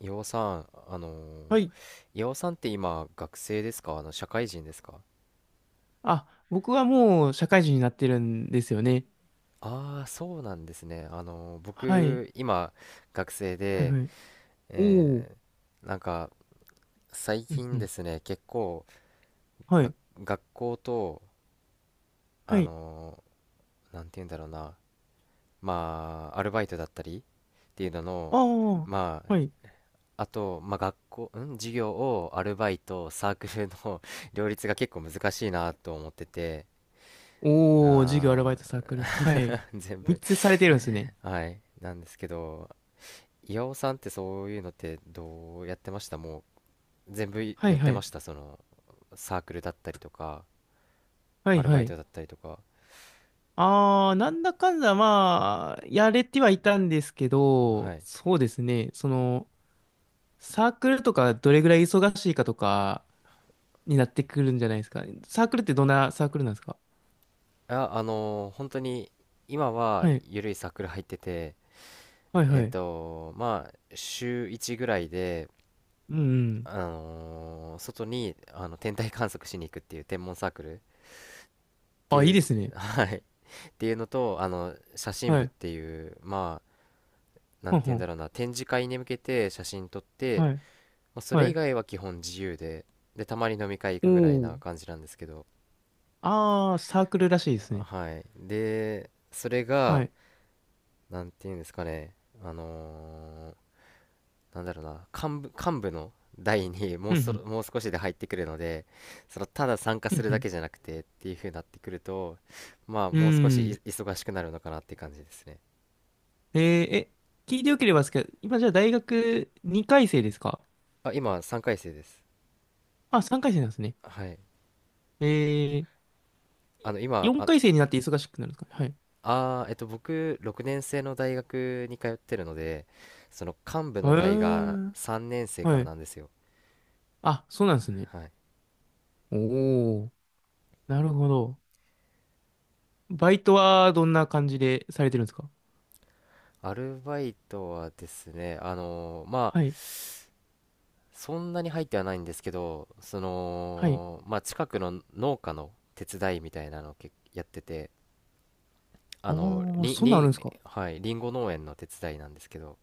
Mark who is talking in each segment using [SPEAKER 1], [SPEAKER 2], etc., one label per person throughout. [SPEAKER 1] 岩尾さん、あのー
[SPEAKER 2] はい。
[SPEAKER 1] 岩尾さんって今学生ですか？社会人ですか？
[SPEAKER 2] あ、僕はもう社会人になってるんですよね。
[SPEAKER 1] ああー、そうなんですね。
[SPEAKER 2] はい。
[SPEAKER 1] 僕今学生
[SPEAKER 2] はい
[SPEAKER 1] で、
[SPEAKER 2] はい。おー。
[SPEAKER 1] えーなんか最
[SPEAKER 2] うんう
[SPEAKER 1] 近で
[SPEAKER 2] ん。
[SPEAKER 1] すね、結構
[SPEAKER 2] は
[SPEAKER 1] が
[SPEAKER 2] い。
[SPEAKER 1] 学校と
[SPEAKER 2] は
[SPEAKER 1] あ
[SPEAKER 2] い。
[SPEAKER 1] のなんて言うんだろうな、まあアルバイトだったりっていうの
[SPEAKER 2] あ
[SPEAKER 1] の、
[SPEAKER 2] あ。
[SPEAKER 1] ま
[SPEAKER 2] はい。
[SPEAKER 1] ああと、まあ、学校、うん、授業をアルバイト、サークルの 両立が結構難しいなと思ってて。
[SPEAKER 2] おー、授業、アルバイト、サークル。
[SPEAKER 1] あ
[SPEAKER 2] はい。
[SPEAKER 1] ー 全
[SPEAKER 2] 三
[SPEAKER 1] 部。
[SPEAKER 2] つされてるんですね。
[SPEAKER 1] はい。なんですけど、岩尾さんってそういうのってどうやってましたも全部
[SPEAKER 2] は
[SPEAKER 1] や
[SPEAKER 2] い
[SPEAKER 1] っ
[SPEAKER 2] は
[SPEAKER 1] てま
[SPEAKER 2] い。
[SPEAKER 1] したその、サークルだったりとか、
[SPEAKER 2] は
[SPEAKER 1] ア
[SPEAKER 2] い
[SPEAKER 1] ルバ
[SPEAKER 2] は
[SPEAKER 1] イ
[SPEAKER 2] い。
[SPEAKER 1] トだったりとか。
[SPEAKER 2] ああ、なんだかんだ、まあ、やれてはいたんですけ
[SPEAKER 1] は
[SPEAKER 2] ど、
[SPEAKER 1] い。
[SPEAKER 2] そうですね。その、サークルとかどれぐらい忙しいかとかになってくるんじゃないですか。サークルってどんなサークルなんですか？
[SPEAKER 1] あ、本当に今は
[SPEAKER 2] はい。
[SPEAKER 1] 緩いサークル入ってて、
[SPEAKER 2] はい
[SPEAKER 1] え
[SPEAKER 2] は
[SPEAKER 1] っ
[SPEAKER 2] い。
[SPEAKER 1] と、まあ、週1ぐらいで、
[SPEAKER 2] うんうん。
[SPEAKER 1] 外に天体観測しに行くっていう天文サークルって
[SPEAKER 2] あ、い
[SPEAKER 1] い
[SPEAKER 2] い
[SPEAKER 1] う、
[SPEAKER 2] です ね。
[SPEAKER 1] はい、っていうのと、あの、写真
[SPEAKER 2] は
[SPEAKER 1] 部っ
[SPEAKER 2] い。
[SPEAKER 1] ていう、まあ、なん
[SPEAKER 2] ほん
[SPEAKER 1] て
[SPEAKER 2] ほ
[SPEAKER 1] 言うんだ
[SPEAKER 2] ん。
[SPEAKER 1] ろうな、展示会に向けて写真撮って、
[SPEAKER 2] はい。
[SPEAKER 1] まあ、そ
[SPEAKER 2] は
[SPEAKER 1] れ以
[SPEAKER 2] い。
[SPEAKER 1] 外は基本自由で、で、たまに飲み会行
[SPEAKER 2] お
[SPEAKER 1] くぐらいな
[SPEAKER 2] ー。
[SPEAKER 1] 感じなんですけど、
[SPEAKER 2] あー、サークルらしいです
[SPEAKER 1] あ
[SPEAKER 2] ね。
[SPEAKER 1] はい。で、それ
[SPEAKER 2] は
[SPEAKER 1] が、
[SPEAKER 2] い。
[SPEAKER 1] なんていうんですかね、あのーなんだろうな、幹部の代に
[SPEAKER 2] うん
[SPEAKER 1] もう少しで入ってくるので、その、ただ参加
[SPEAKER 2] う
[SPEAKER 1] す
[SPEAKER 2] ん。
[SPEAKER 1] る
[SPEAKER 2] う
[SPEAKER 1] だ
[SPEAKER 2] ん
[SPEAKER 1] けじゃなくてっていう風になってくると、まあ、
[SPEAKER 2] うん。
[SPEAKER 1] もう少
[SPEAKER 2] うー
[SPEAKER 1] しい
[SPEAKER 2] ん。
[SPEAKER 1] 忙しくなるのかなって感じですね。
[SPEAKER 2] えー、え、聞いてよければですけど、今じゃあ大学2回生ですか？
[SPEAKER 1] あ、今、3回生です。
[SPEAKER 2] あ、3回生なんですね。
[SPEAKER 1] はい。
[SPEAKER 2] えー、
[SPEAKER 1] あの、今、
[SPEAKER 2] 4
[SPEAKER 1] あ
[SPEAKER 2] 回生になって忙しくなるんですかね？
[SPEAKER 1] ああ、えっと、僕、6年生の大学に通ってるので、その幹部の
[SPEAKER 2] はい。へ
[SPEAKER 1] 代が
[SPEAKER 2] ー。
[SPEAKER 1] 3年生か
[SPEAKER 2] は
[SPEAKER 1] ら
[SPEAKER 2] い。
[SPEAKER 1] なんですよ。
[SPEAKER 2] あ、そうなんですね。
[SPEAKER 1] はい。
[SPEAKER 2] おー。なるほど。バイトはどんな感じでされてるんですか？
[SPEAKER 1] アルバイトはですね、まあ、
[SPEAKER 2] はい。
[SPEAKER 1] そんなに入ってはないんですけど、そ
[SPEAKER 2] はい。
[SPEAKER 1] の、まあ、近くの農家の手伝いみたいなのをけやってて、あ
[SPEAKER 2] あ
[SPEAKER 1] の、
[SPEAKER 2] ー、
[SPEAKER 1] りん、
[SPEAKER 2] そんなんあ
[SPEAKER 1] り
[SPEAKER 2] るんで
[SPEAKER 1] ん、
[SPEAKER 2] すか？
[SPEAKER 1] はい、りんご農園の手伝いなんですけど、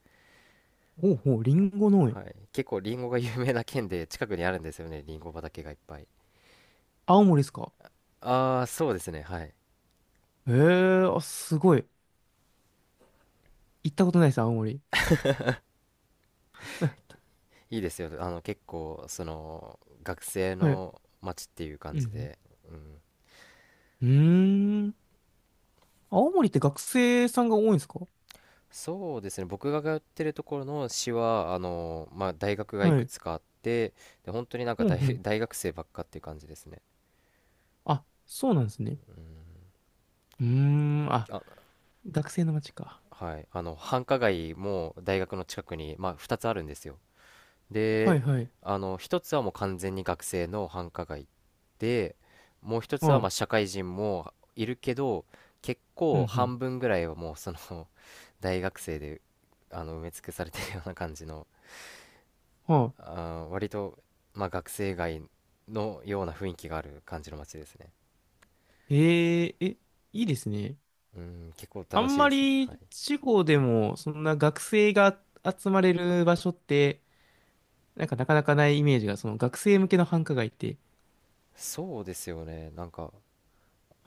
[SPEAKER 2] ほうほう、リンゴ農園。
[SPEAKER 1] はい、結構りんごが有名な県で、近くにあるんですよね、りんご畑がいっぱい。
[SPEAKER 2] 青森ですか？
[SPEAKER 1] ああ、そうですね、はい。
[SPEAKER 2] ええー、あ、すごい。行ったことないです、青森。
[SPEAKER 1] いいですよ。あの、結構、その、学生
[SPEAKER 2] はい。
[SPEAKER 1] の街っていう感
[SPEAKER 2] う
[SPEAKER 1] じ
[SPEAKER 2] ん。
[SPEAKER 1] で、うん。
[SPEAKER 2] うーん。青森って学生さんが多いんですか？
[SPEAKER 1] そうですね、僕が通ってるところの市は、あの、まあ、大学がい
[SPEAKER 2] は
[SPEAKER 1] く
[SPEAKER 2] い。
[SPEAKER 1] つかあって、で、本当になん
[SPEAKER 2] う
[SPEAKER 1] か
[SPEAKER 2] んうん。
[SPEAKER 1] 大学生ばっかっていう感じですね。
[SPEAKER 2] あ、そうなんですね。うーん。あ、
[SPEAKER 1] あ、
[SPEAKER 2] 学生の街か。
[SPEAKER 1] はい。あの、繁華街も大学の近くに、まあ、2つあるんですよ。
[SPEAKER 2] はい
[SPEAKER 1] で、
[SPEAKER 2] はい。
[SPEAKER 1] あの、一つはもう完全に学生の繁華街で、もう一つ
[SPEAKER 2] は
[SPEAKER 1] はま
[SPEAKER 2] い。
[SPEAKER 1] あ社会人もいるけど、結
[SPEAKER 2] う
[SPEAKER 1] 構
[SPEAKER 2] ん
[SPEAKER 1] 半分ぐらいはもうその 大学生で埋め尽くされてるような感じの、
[SPEAKER 2] うん。は
[SPEAKER 1] あー割とまあ学生街のような雰囲気がある感じの街ですね。
[SPEAKER 2] い。え、いいですね。
[SPEAKER 1] うん、結構
[SPEAKER 2] あ
[SPEAKER 1] 楽し
[SPEAKER 2] ん
[SPEAKER 1] いで
[SPEAKER 2] ま
[SPEAKER 1] す。はい。
[SPEAKER 2] り地方でも、そんな学生が集まれる場所って、なんかなかなかないイメージが、その学生向けの繁華街って。
[SPEAKER 1] そうですよね。なんか、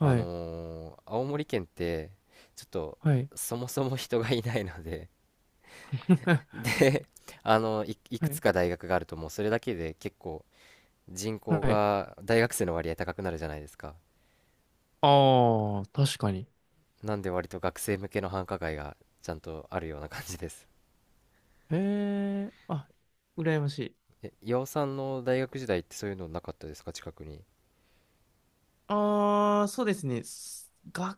[SPEAKER 2] い。
[SPEAKER 1] 青森県って、ちょっと
[SPEAKER 2] はい。
[SPEAKER 1] そもそも人がいないので、で、あの、いく
[SPEAKER 2] は
[SPEAKER 1] つ
[SPEAKER 2] い。
[SPEAKER 1] か大学があるともうそれだけで結構人口
[SPEAKER 2] はい。
[SPEAKER 1] が大学生の割合高くなるじゃないですか。
[SPEAKER 2] ああ、確かに。
[SPEAKER 1] なんで割と学生向けの繁華街がちゃんとあるような感じです。
[SPEAKER 2] へえ、あ、羨ましい。
[SPEAKER 1] え、岩尾さんの大学時代ってそういうのなかったですか？近くに。
[SPEAKER 2] ああ、そうですね。すが、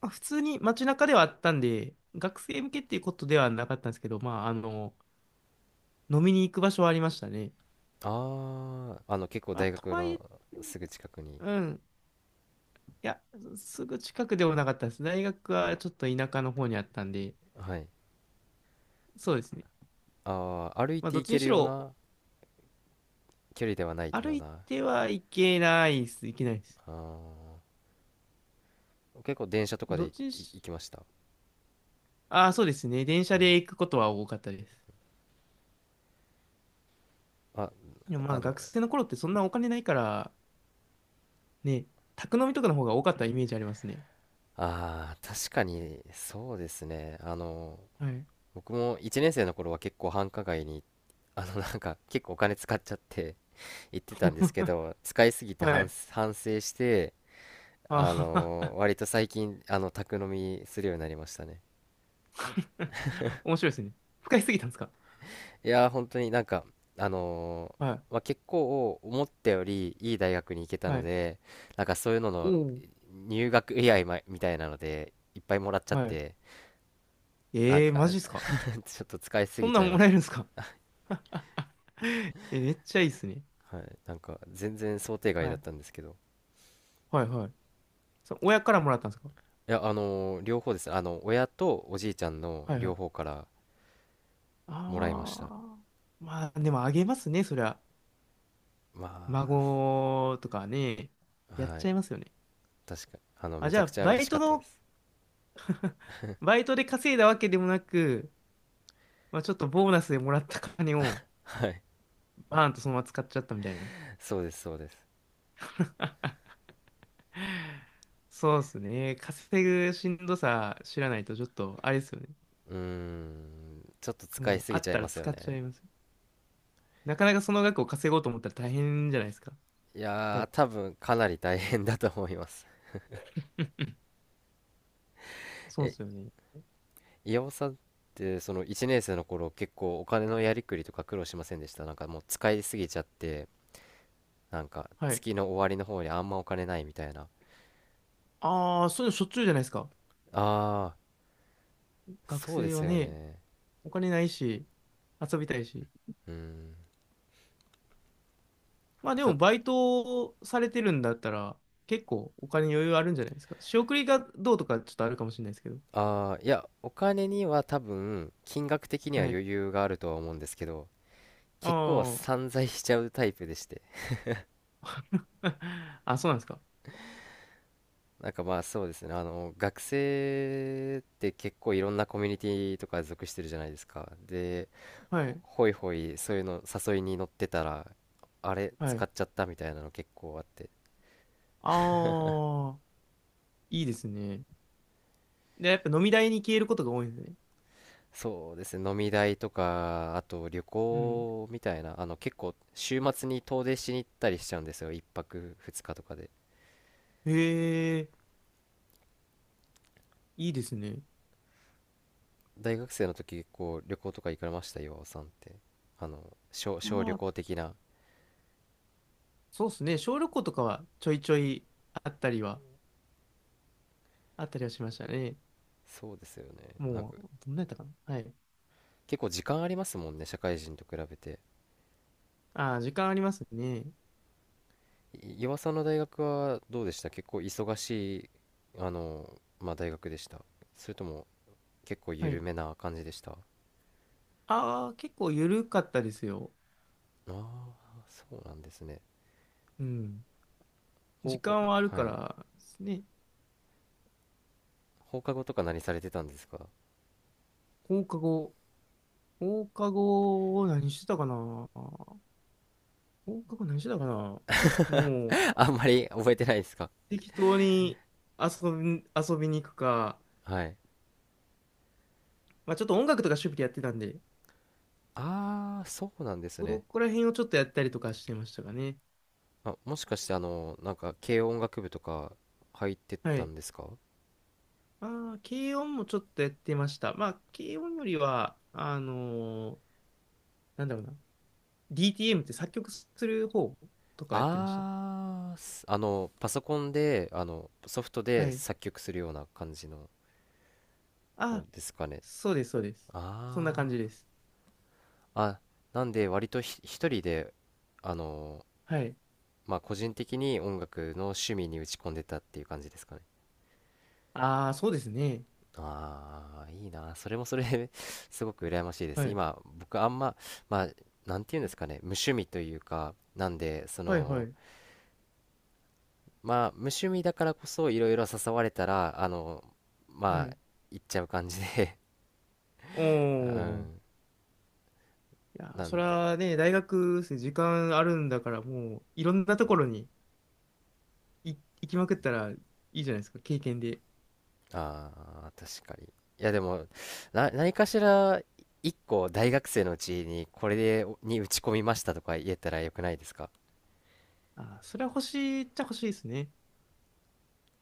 [SPEAKER 2] まあ普通に街中ではあったんで、学生向けっていうことではなかったんですけど、まあ、飲みに行く場所はありましたね。
[SPEAKER 1] ああ、あの結構
[SPEAKER 2] まあ、
[SPEAKER 1] 大
[SPEAKER 2] と
[SPEAKER 1] 学
[SPEAKER 2] はいえ、
[SPEAKER 1] のすぐ近くに。
[SPEAKER 2] うん。いや、すぐ近くでもなかったです。大学はちょっと田舎の方にあったんで、
[SPEAKER 1] はい。
[SPEAKER 2] そうですね。
[SPEAKER 1] ああ、歩い
[SPEAKER 2] まあ、
[SPEAKER 1] て
[SPEAKER 2] どっ
[SPEAKER 1] 行
[SPEAKER 2] ち
[SPEAKER 1] け
[SPEAKER 2] に
[SPEAKER 1] る
[SPEAKER 2] し
[SPEAKER 1] よう
[SPEAKER 2] ろ、
[SPEAKER 1] な距離ではない
[SPEAKER 2] 歩
[SPEAKER 1] よう
[SPEAKER 2] い
[SPEAKER 1] な。
[SPEAKER 2] てはいけないです。いけないです。
[SPEAKER 1] ああ、結構電車とかで
[SPEAKER 2] どっちにし、
[SPEAKER 1] 行きました。
[SPEAKER 2] ああ、そうですね。電車
[SPEAKER 1] はい。
[SPEAKER 2] で行くことは多かったです。
[SPEAKER 1] あ、
[SPEAKER 2] いやま
[SPEAKER 1] あ
[SPEAKER 2] あ
[SPEAKER 1] の、
[SPEAKER 2] 学生の頃ってそんなお金ないから、ね、宅飲みとかの方が多かったイメージありますね。
[SPEAKER 1] あ、確かにそうですね。あの、
[SPEAKER 2] はい。
[SPEAKER 1] 僕も1年生の頃は結構繁華街に、あの、なんか結構お金使っちゃって行ってたんですけど、使いすぎて
[SPEAKER 2] はい。
[SPEAKER 1] 反省して、あ
[SPEAKER 2] あ
[SPEAKER 1] の、
[SPEAKER 2] あ。
[SPEAKER 1] 割と最近、あの、宅飲みするようになりましたね。
[SPEAKER 2] 面白いですね。深いすぎたんですか？
[SPEAKER 1] いやー、本当になんか、あの
[SPEAKER 2] はい。
[SPEAKER 1] まあ、結構思ったよりいい大学に行けた
[SPEAKER 2] は
[SPEAKER 1] の
[SPEAKER 2] い。
[SPEAKER 1] で、なんかそういうの
[SPEAKER 2] お
[SPEAKER 1] の
[SPEAKER 2] お。
[SPEAKER 1] 入学祝いみたいなので、いっぱいもらっちゃっ
[SPEAKER 2] はい。
[SPEAKER 1] て、なん
[SPEAKER 2] ええー、
[SPEAKER 1] か
[SPEAKER 2] マジっすか？
[SPEAKER 1] ちょっと使いす
[SPEAKER 2] そ
[SPEAKER 1] ぎ
[SPEAKER 2] んな
[SPEAKER 1] ちゃい
[SPEAKER 2] ん
[SPEAKER 1] ま
[SPEAKER 2] もら
[SPEAKER 1] し
[SPEAKER 2] えるん
[SPEAKER 1] た。
[SPEAKER 2] ですか？ え、めっちゃいいっすね。
[SPEAKER 1] はい、なんか全然想定外
[SPEAKER 2] は
[SPEAKER 1] だっ
[SPEAKER 2] い。
[SPEAKER 1] たんですけど。
[SPEAKER 2] はいはい。そう、親からもらったんですか？
[SPEAKER 1] いや、両方ですね。あの、親とおじいちゃんの
[SPEAKER 2] はいは
[SPEAKER 1] 両方
[SPEAKER 2] い。
[SPEAKER 1] からもらいました。
[SPEAKER 2] ああ。まあ、でもあげますね、そりゃ。
[SPEAKER 1] ま
[SPEAKER 2] 孫とかね。やっ
[SPEAKER 1] あ、は
[SPEAKER 2] ち
[SPEAKER 1] い、
[SPEAKER 2] ゃいますよね。
[SPEAKER 1] 確か、あの、
[SPEAKER 2] あ、
[SPEAKER 1] め
[SPEAKER 2] じ
[SPEAKER 1] ち
[SPEAKER 2] ゃ
[SPEAKER 1] ゃく
[SPEAKER 2] あ、
[SPEAKER 1] ちゃ嬉しかったです。
[SPEAKER 2] バイトで稼いだわけでもなく、まあ、ちょっとボーナスでもらった金をバーンとそのまま使っちゃったみたいな。
[SPEAKER 1] そうです、そうです。
[SPEAKER 2] そうですね。稼ぐしんどさ知らないとちょっとあれですよね。
[SPEAKER 1] うーん、ちょっと使い
[SPEAKER 2] もう
[SPEAKER 1] す
[SPEAKER 2] あ
[SPEAKER 1] ぎち
[SPEAKER 2] っ
[SPEAKER 1] ゃい
[SPEAKER 2] たら
[SPEAKER 1] ますよ
[SPEAKER 2] 使っち
[SPEAKER 1] ね。
[SPEAKER 2] ゃいます。なかなかその額を稼ごうと思ったら大変じゃないですか。
[SPEAKER 1] い
[SPEAKER 2] 多
[SPEAKER 1] やー、
[SPEAKER 2] 分
[SPEAKER 1] 多分かなり大変だと思います。
[SPEAKER 2] そうで
[SPEAKER 1] え、
[SPEAKER 2] すよね。
[SPEAKER 1] 岩尾さんって、その1年生の頃、結構お金のやりくりとか苦労しませんでした？なんかもう使いすぎちゃって、なんか
[SPEAKER 2] はい。
[SPEAKER 1] 月の終わりの方にあんまお金ないみたいな。
[SPEAKER 2] ああ、そういうのしょっちゅうじゃないですか。
[SPEAKER 1] あ、
[SPEAKER 2] 学
[SPEAKER 1] そうで
[SPEAKER 2] 生
[SPEAKER 1] す
[SPEAKER 2] は
[SPEAKER 1] よ
[SPEAKER 2] ね、
[SPEAKER 1] ね。
[SPEAKER 2] お金ないし、遊びたいし。
[SPEAKER 1] うん。
[SPEAKER 2] まあで
[SPEAKER 1] た、
[SPEAKER 2] もバイトされてるんだったら結構お金余裕あるんじゃないですか。仕送りがどうとかちょっとあるかもしれないですけど。
[SPEAKER 1] あーいや、お金には多分、金額的には
[SPEAKER 2] はい。
[SPEAKER 1] 余裕があるとは思うんですけど、結構
[SPEAKER 2] あ
[SPEAKER 1] 散財しちゃうタイプでして。
[SPEAKER 2] あ。あ、そうなんですか？
[SPEAKER 1] なんかまあそうですね、あの、学生って結構いろんなコミュニティとか属してるじゃないですか。で、
[SPEAKER 2] はい。
[SPEAKER 1] ほいほい、そういうの誘いに乗ってたら、あれ、
[SPEAKER 2] は
[SPEAKER 1] 使
[SPEAKER 2] い。
[SPEAKER 1] っちゃったみたいなの結構あって。
[SPEAKER 2] ああ。いいですね。で、やっぱ飲み代に消えることが多いんですね。
[SPEAKER 1] そうですね、飲み代とか、あと旅
[SPEAKER 2] うん。
[SPEAKER 1] 行みたいな、あの結構週末に遠出しに行ったりしちゃうんですよ、一泊二日とかで。
[SPEAKER 2] へえ、いいですね。
[SPEAKER 1] 大学生の時結構旅行とか行かれました？岩尾さんって。あの、小旅
[SPEAKER 2] まあ、
[SPEAKER 1] 行的な。
[SPEAKER 2] そうですね。小旅行とかはちょいちょいあったりは、あったりはしましたね。
[SPEAKER 1] そうですよね。なん
[SPEAKER 2] も
[SPEAKER 1] か
[SPEAKER 2] う、どんなやったかな。はい。
[SPEAKER 1] 結構時間ありますもんね、社会人と比べて。
[SPEAKER 2] ああ、時間ありますね。
[SPEAKER 1] 岩尾さんの大学はどうでした？結構忙しい、あの、まあ大学でした？それとも結構
[SPEAKER 2] は
[SPEAKER 1] 緩
[SPEAKER 2] い。
[SPEAKER 1] めな感じでした？あ
[SPEAKER 2] ああ、結構緩かったですよ。
[SPEAKER 1] あー、そうなんですね。
[SPEAKER 2] うん。
[SPEAKER 1] 高
[SPEAKER 2] 時
[SPEAKER 1] 校、
[SPEAKER 2] 間
[SPEAKER 1] お
[SPEAKER 2] はある
[SPEAKER 1] は
[SPEAKER 2] か
[SPEAKER 1] い。
[SPEAKER 2] らですね。
[SPEAKER 1] 放課後とか何されてたんですか？
[SPEAKER 2] 放課後。放課後を何してたかな放課後何してたかな。も う、
[SPEAKER 1] あんまり覚えてないですか？
[SPEAKER 2] 適当に遊びに行くか、
[SPEAKER 1] はい。
[SPEAKER 2] まあちょっと音楽とか趣味でやってたんで、
[SPEAKER 1] ああーそうなんです
[SPEAKER 2] そ
[SPEAKER 1] ね。
[SPEAKER 2] こら辺をちょっとやったりとかしてましたかね。
[SPEAKER 1] あ、もしかしてあのなんか軽音楽部とか入って
[SPEAKER 2] は
[SPEAKER 1] た
[SPEAKER 2] い。
[SPEAKER 1] んですか？
[SPEAKER 2] ああ、軽音もちょっとやってました。まあ、軽音よりは、なんだろうな。DTM って作曲する方とかやってました。
[SPEAKER 1] ああー、す、あのパソコンであのソフト
[SPEAKER 2] は
[SPEAKER 1] で
[SPEAKER 2] い。
[SPEAKER 1] 作曲するような感じの方
[SPEAKER 2] あ、
[SPEAKER 1] ですかね？
[SPEAKER 2] そうです、そうです。そんな感
[SPEAKER 1] あ
[SPEAKER 2] じです。
[SPEAKER 1] ああ、なんで割と一人であの
[SPEAKER 2] はい。
[SPEAKER 1] まあ個人的に音楽の趣味に打ち込んでたっていう感じですかね？
[SPEAKER 2] ああ、そうですね。
[SPEAKER 1] ああ、いいな。それもそれで すごく羨ましいで
[SPEAKER 2] は
[SPEAKER 1] す。
[SPEAKER 2] い。
[SPEAKER 1] 今、僕あんま、まあ、なんていうんですかね、無趣味というか、なんで、そ
[SPEAKER 2] はい、は
[SPEAKER 1] の、
[SPEAKER 2] い、
[SPEAKER 1] まあ、無趣味だからこそ、いろいろ誘われたら、あの、
[SPEAKER 2] は
[SPEAKER 1] ま
[SPEAKER 2] い。
[SPEAKER 1] あ、行っちゃう感じで
[SPEAKER 2] お
[SPEAKER 1] う
[SPEAKER 2] ー。い
[SPEAKER 1] ん。
[SPEAKER 2] やー、
[SPEAKER 1] なん
[SPEAKER 2] それ
[SPEAKER 1] で、
[SPEAKER 2] はね、大学生時間あるんだから、もう、いろんなところにい行きまくったらいいじゃないですか、経験で。
[SPEAKER 1] ああ、確かに。いや、でも、何かしら、一個大学生のうちに、これで、に打ち込みましたとか言えたらよくないですか？
[SPEAKER 2] あー、それは欲しいっちゃ欲しいですね。